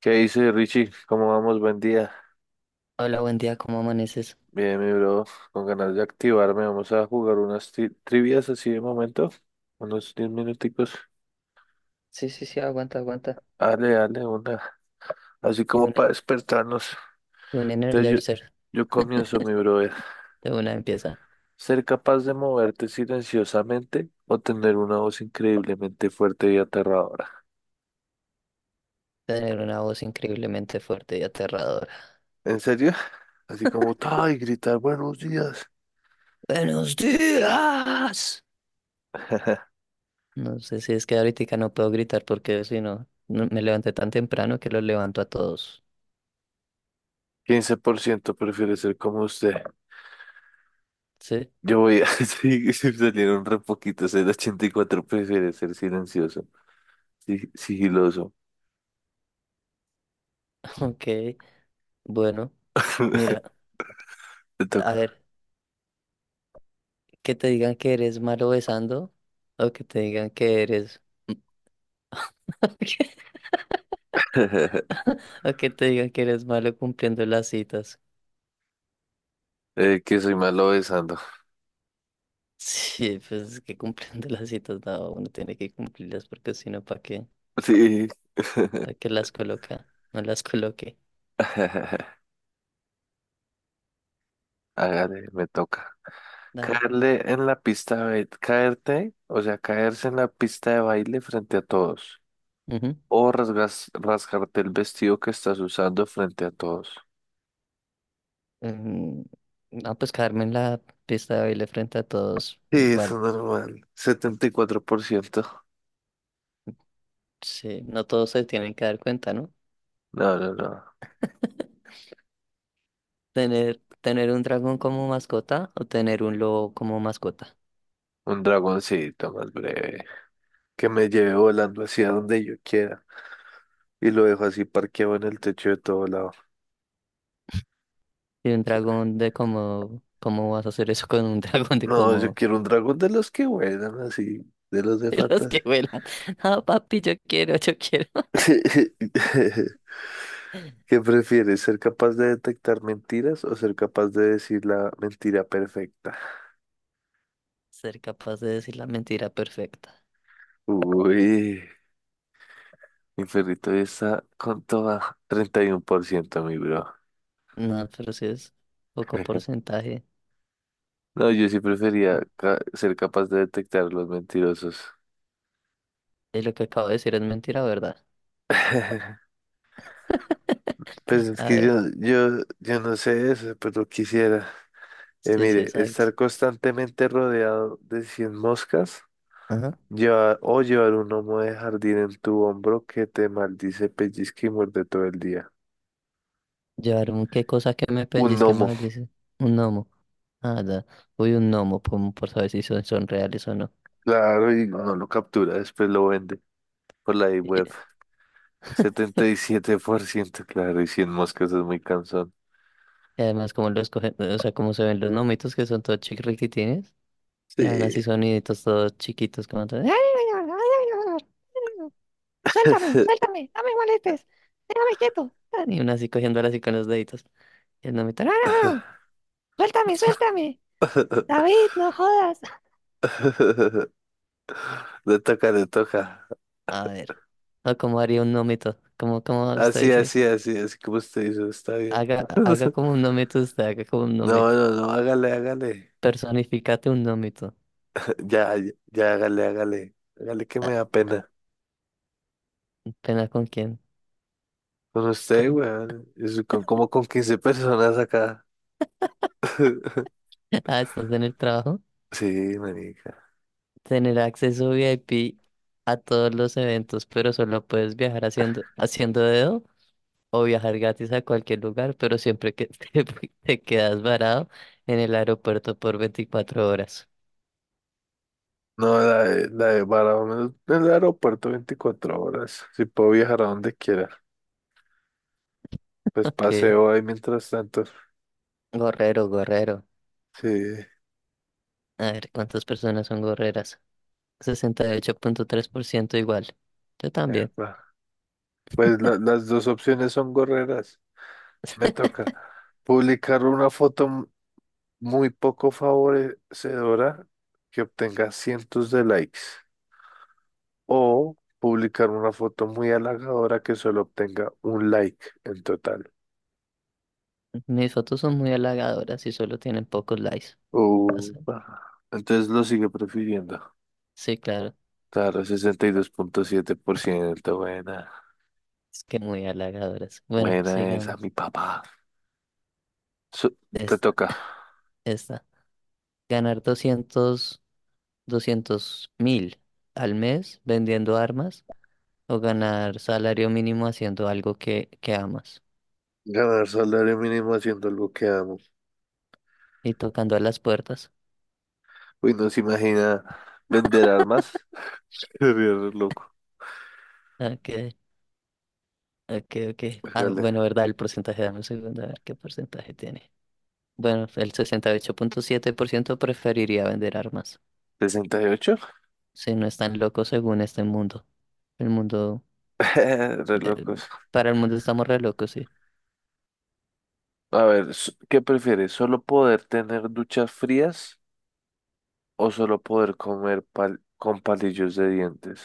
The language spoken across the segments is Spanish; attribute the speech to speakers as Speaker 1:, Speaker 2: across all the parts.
Speaker 1: ¿Qué dice Richie? ¿Cómo vamos? Buen día.
Speaker 2: Hola, buen día, ¿cómo amaneces?
Speaker 1: Bien, mi bro, con ganas de activarme. Vamos a jugar unas trivias así de momento, unos 10 minuticos.
Speaker 2: Sí, sí, sí, aguanta, aguanta.
Speaker 1: Dale, dale, una. Así
Speaker 2: Y
Speaker 1: como
Speaker 2: un,
Speaker 1: para despertarnos.
Speaker 2: y un
Speaker 1: Entonces yo,
Speaker 2: Energizer
Speaker 1: yo comienzo, mi brother.
Speaker 2: de una empieza a
Speaker 1: Ser capaz de moverte silenciosamente o tener una voz increíblemente fuerte y aterradora.
Speaker 2: tener una voz increíblemente fuerte y aterradora.
Speaker 1: ¿En serio? Así como, ¡ay! Gritar buenos días.
Speaker 2: ¡Buenos días! No sé si es que ahorita no puedo gritar porque si no, me levanté tan temprano que los levanto a todos.
Speaker 1: 15% prefiere ser como usted.
Speaker 2: ¿Sí?
Speaker 1: Yo voy a sí, salieron re poquitos, el 84 prefiere ser silencioso, sí, sigiloso.
Speaker 2: Ok, bueno, mira,
Speaker 1: Te
Speaker 2: a
Speaker 1: toca.
Speaker 2: ver, que te digan que eres malo besando o que te digan que eres... o que te digan que eres malo cumpliendo las citas.
Speaker 1: Que soy malo besando.
Speaker 2: Sí, pues es que cumpliendo las citas, no, uno tiene que cumplirlas porque si no, ¿para qué?
Speaker 1: Sí.
Speaker 2: ¿Para qué las coloca? No las coloque.
Speaker 1: Hágale, me toca.
Speaker 2: Dale.
Speaker 1: Caerle en la pista de baile, caerte, o sea, caerse en la pista de baile frente a todos.
Speaker 2: Ujú.
Speaker 1: O rasgarte el vestido que estás usando frente a todos.
Speaker 2: Em, no, pues quedarme en la pista de baile frente a todos,
Speaker 1: Sí, eso
Speaker 2: igual,
Speaker 1: es normal. 74%.
Speaker 2: sí, no todos se tienen que dar cuenta, ¿no?
Speaker 1: No, no, no.
Speaker 2: Tener un dragón como mascota o tener un lobo como mascota.
Speaker 1: Un dragoncito más breve, que me lleve volando hacia donde yo quiera y lo dejo así parqueado en el techo de todo lado.
Speaker 2: Y un dragón de como, ¿cómo vas a hacer eso con un dragón de
Speaker 1: No, yo
Speaker 2: como
Speaker 1: quiero un dragón de los que vuelan así, de los de
Speaker 2: de los
Speaker 1: fantasía.
Speaker 2: que vuelan? Ah, papi, yo quiero, yo quiero.
Speaker 1: ¿Qué prefieres, ser capaz de detectar mentiras o ser capaz de decir la mentira perfecta?
Speaker 2: Ser capaz de decir la mentira perfecta.
Speaker 1: Uy, mi perrito ya está con toda 31%, mi bro.
Speaker 2: No, pero si es poco porcentaje.
Speaker 1: No, yo sí prefería
Speaker 2: Ah,
Speaker 1: ser capaz de detectar los mentirosos.
Speaker 2: y lo que acabo de decir es mentira, ¿verdad?
Speaker 1: Pues es
Speaker 2: A
Speaker 1: que
Speaker 2: ver,
Speaker 1: yo no sé eso, pero quisiera.
Speaker 2: sí, sí,
Speaker 1: Mire,
Speaker 2: exacto.
Speaker 1: estar constantemente rodeado de 100 moscas,
Speaker 2: Ajá.
Speaker 1: o llevar un gnomo de jardín en tu hombro que te maldice, pellizca y muerde todo el día.
Speaker 2: Llevar un qué cosa que me
Speaker 1: Un
Speaker 2: pellizque
Speaker 1: gnomo,
Speaker 2: mal, dice. Un gnomo. Ah, da. Uy, un gnomo, por saber si son reales o no.
Speaker 1: claro, y no lo captura, después lo vende por la web. Setenta y siete por ciento, claro, y cien moscas es muy cansón.
Speaker 2: Y además, como los cogen, o sea, como se ven los gnomitos que son todos chiquitines. Y ahora
Speaker 1: Sí.
Speaker 2: así soniditos todos chiquitos, como todo, suéltame, suéltame, no me molestes, déjame quieto. Y una así cogiéndola así con los deditos. Y el nomito, no, no, no, suéltame, suéltame, David, no jodas.
Speaker 1: Le toca, le toca.
Speaker 2: A ver, o como haría un nómito, como usted
Speaker 1: Así,
Speaker 2: dice,
Speaker 1: así, así, así como usted hizo, está bien.
Speaker 2: haga, haga como un nómito usted, haga como un
Speaker 1: No,
Speaker 2: nómito,
Speaker 1: no, no, hágale, hágale.
Speaker 2: personificate un nómito.
Speaker 1: Ya, ya, ya, hágale, hágale. Hágale que
Speaker 2: Ah,
Speaker 1: me da pena.
Speaker 2: ¿pena con quién?
Speaker 1: Con usted,
Speaker 2: Con-
Speaker 1: weón. Es como con 15 personas acá.
Speaker 2: Ah, estás en el trabajo.
Speaker 1: Sí, marica.
Speaker 2: Tener acceso VIP a todos los eventos, pero solo puedes viajar haciendo dedo. O viajar gratis a cualquier lugar, pero siempre que te, te quedas varado en el aeropuerto por 24 horas.
Speaker 1: No, la de menos en el aeropuerto 24 horas. Si puedo viajar a donde quiera. Pues
Speaker 2: Ok.
Speaker 1: paseo ahí mientras tanto.
Speaker 2: Gorrero, gorrero.
Speaker 1: Sí,
Speaker 2: A ver, ¿cuántas personas son gorreras? 68,3% igual. Yo también.
Speaker 1: epa. Pues las dos opciones son gorreras. Me toca publicar una foto muy poco favorecedora que obtenga cientos de likes o publicar una foto muy halagadora que solo obtenga un like en total.
Speaker 2: Mis fotos son muy halagadoras y solo tienen pocos likes. O sea,
Speaker 1: Upa. Entonces lo sigue prefiriendo.
Speaker 2: sí, claro.
Speaker 1: Claro, sesenta y dos punto siete por ciento. Buena,
Speaker 2: Es que muy halagadoras. Bueno,
Speaker 1: buena esa,
Speaker 2: sigamos.
Speaker 1: mi papá. Su- te
Speaker 2: Esta,
Speaker 1: toca
Speaker 2: esta. Ganar doscientos mil al mes vendiendo armas o ganar salario mínimo haciendo algo que amas
Speaker 1: ganar salario mínimo haciendo algo que amo.
Speaker 2: y tocando a las puertas.
Speaker 1: Uy, no se imagina vender armas. Sería re loco.
Speaker 2: Ok, ok, ok. Ah,
Speaker 1: Hágale.
Speaker 2: bueno, ¿verdad? El porcentaje, dame un segundo, a ver qué porcentaje tiene. Bueno, el 68,7% preferiría vender armas.
Speaker 1: ¿Sesenta y ocho?
Speaker 2: Si no están locos según este mundo. El mundo,
Speaker 1: Re
Speaker 2: eh,
Speaker 1: locos.
Speaker 2: para el mundo estamos re locos, sí.
Speaker 1: A ver, ¿qué prefieres? ¿Solo poder tener duchas frías o solo poder comer con palillos de dientes?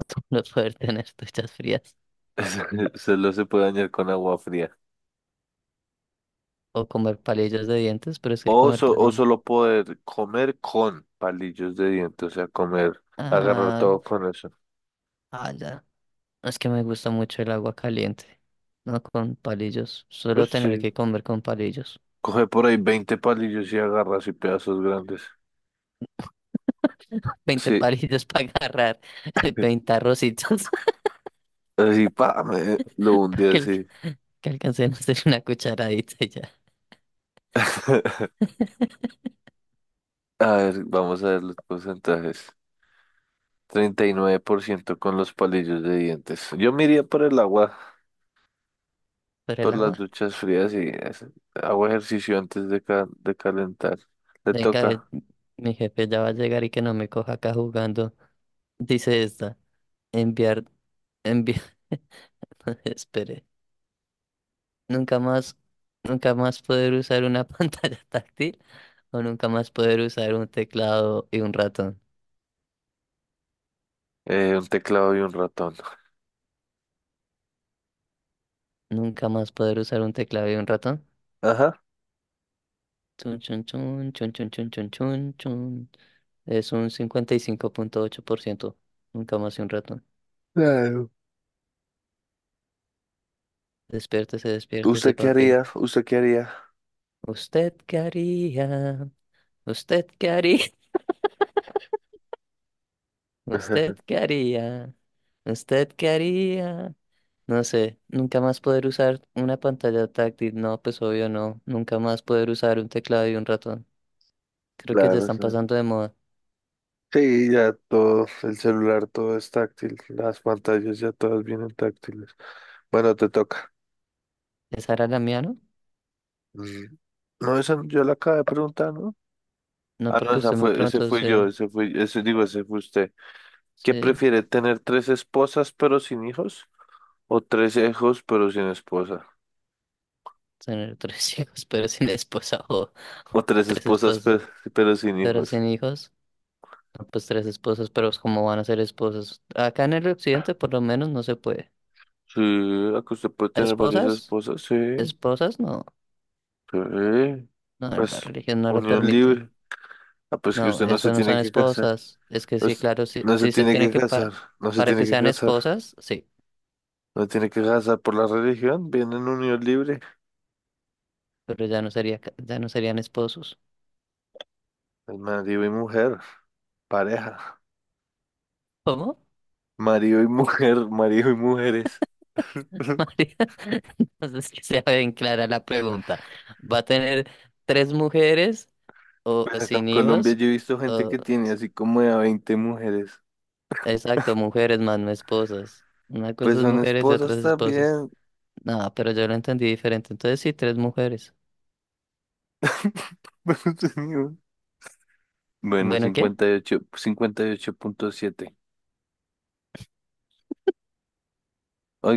Speaker 2: No poder tener duchas frías
Speaker 1: Solo se puede dañar con agua fría.
Speaker 2: o comer palillos de dientes, pero es que
Speaker 1: O,
Speaker 2: comer
Speaker 1: o
Speaker 2: palillos.
Speaker 1: solo poder comer con palillos de dientes, o sea, comer, agarrar
Speaker 2: Ah,
Speaker 1: todo con eso.
Speaker 2: ah, ya. Es que me gusta mucho el agua caliente, no con palillos.
Speaker 1: Pues
Speaker 2: Solo tener
Speaker 1: sí,
Speaker 2: que comer con palillos.
Speaker 1: coge por ahí 20 palillos y agarras y pedazos grandes.
Speaker 2: Veinte
Speaker 1: Sí,
Speaker 2: palillos para agarrar 20 arrocitos
Speaker 1: así, pa, me lo
Speaker 2: para
Speaker 1: hundí
Speaker 2: que,
Speaker 1: así.
Speaker 2: que alcancen a hacer una cucharadita y ya.
Speaker 1: A ver, vamos a ver los porcentajes. 39% con los palillos de dientes. Yo me iría por el agua,
Speaker 2: Pero el
Speaker 1: por las
Speaker 2: agua,
Speaker 1: duchas frías y hago ejercicio antes de, de calentar. Le
Speaker 2: venga,
Speaker 1: toca
Speaker 2: mi jefe ya va a llegar y que no me coja acá jugando. Dice esta, enviar, enviar, espere, nunca más, nunca más poder usar una pantalla táctil o nunca más poder usar un teclado y un ratón.
Speaker 1: un teclado y un ratón.
Speaker 2: Nunca más poder usar un teclado y un ratón.
Speaker 1: Ajá.
Speaker 2: Chun, chun, chun, chun, chun, chun, chun, chun, chun. Es un 55,8%. Nunca más y un ratón.
Speaker 1: Claro.
Speaker 2: Despiértese, despiértese,
Speaker 1: ¿Usted qué
Speaker 2: papi.
Speaker 1: haría? ¿Usted qué haría?
Speaker 2: ¿Usted qué haría? ¿Usted qué haría? ¿Usted qué haría? ¿Usted qué haría? No sé, nunca más poder usar una pantalla táctil. No, pues obvio no. Nunca más poder usar un teclado y un ratón. Creo que ya
Speaker 1: Claro,
Speaker 2: están
Speaker 1: sí.
Speaker 2: pasando de moda.
Speaker 1: Sí, ya todo, el celular todo es táctil, las pantallas ya todas vienen táctiles. Bueno, te toca.
Speaker 2: ¿Esa era la mía, no?
Speaker 1: Mm. No, esa yo la acabo de preguntar, ¿no?
Speaker 2: No,
Speaker 1: Ah, no,
Speaker 2: porque
Speaker 1: esa
Speaker 2: usted me
Speaker 1: fue, ese
Speaker 2: preguntó,
Speaker 1: fui yo, ese fui, ese digo, ese fue usted. ¿Qué
Speaker 2: se...
Speaker 1: prefiere, tener tres esposas pero sin hijos? ¿O tres hijos pero sin esposa?
Speaker 2: Tener tres hijos, pero sin esposa o
Speaker 1: ¿O tres
Speaker 2: tres
Speaker 1: esposas
Speaker 2: esposas,
Speaker 1: pero sin
Speaker 2: pero
Speaker 1: hijos?
Speaker 2: sin hijos, no, pues tres esposas, pero ¿cómo van a ser esposas? Acá en el occidente por lo menos no se puede.
Speaker 1: Sí, la que usted puede tener varias
Speaker 2: ¿Esposas?
Speaker 1: esposas, sí.
Speaker 2: ¿Esposas? No,
Speaker 1: Sí.
Speaker 2: no, la
Speaker 1: Pues,
Speaker 2: religión no lo
Speaker 1: unión
Speaker 2: permite.
Speaker 1: libre. Ah, pues que
Speaker 2: No,
Speaker 1: usted no se
Speaker 2: eso no
Speaker 1: tiene
Speaker 2: son
Speaker 1: que casar.
Speaker 2: esposas. Es que sí,
Speaker 1: Pues,
Speaker 2: claro, sí,
Speaker 1: no se
Speaker 2: sí se
Speaker 1: tiene
Speaker 2: tiene
Speaker 1: que
Speaker 2: que
Speaker 1: casar, no se
Speaker 2: para
Speaker 1: tiene
Speaker 2: que
Speaker 1: que
Speaker 2: sean
Speaker 1: casar.
Speaker 2: esposas, sí,
Speaker 1: No tiene que casar por la religión, viene en unión libre.
Speaker 2: pero ya no sería ya no serían esposos.
Speaker 1: Es marido y mujer, pareja.
Speaker 2: ¿Cómo?
Speaker 1: Marido y mujer, marido y mujeres.
Speaker 2: María, entonces que sea bien clara la pregunta. ¿Va a tener tres mujeres? O
Speaker 1: Acá en
Speaker 2: sin
Speaker 1: Colombia
Speaker 2: hijos,
Speaker 1: yo he visto gente
Speaker 2: o
Speaker 1: que tiene así como de a 20 mujeres.
Speaker 2: exacto, mujeres más no esposas. Una
Speaker 1: Pues
Speaker 2: cosa es
Speaker 1: son
Speaker 2: mujeres y otra
Speaker 1: esposas
Speaker 2: es esposas.
Speaker 1: también.
Speaker 2: No, pero yo lo entendí diferente. Entonces sí, tres mujeres.
Speaker 1: Pero tenía- Bueno,
Speaker 2: Bueno, ¿qué?
Speaker 1: 58, 58.7.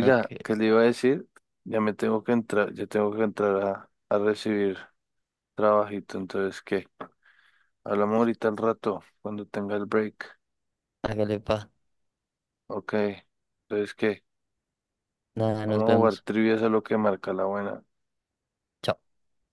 Speaker 2: Ok,
Speaker 1: ¿qué le iba a decir? Ya tengo que entrar a recibir trabajito. Entonces, ¿qué? Hablamos ahorita al rato, cuando tenga el break.
Speaker 2: hágale pa.
Speaker 1: Ok. Entonces, ¿qué?
Speaker 2: Nada,
Speaker 1: Vamos
Speaker 2: nos
Speaker 1: a jugar
Speaker 2: vemos.
Speaker 1: trivias a lo que marca la buena.
Speaker 2: Chao.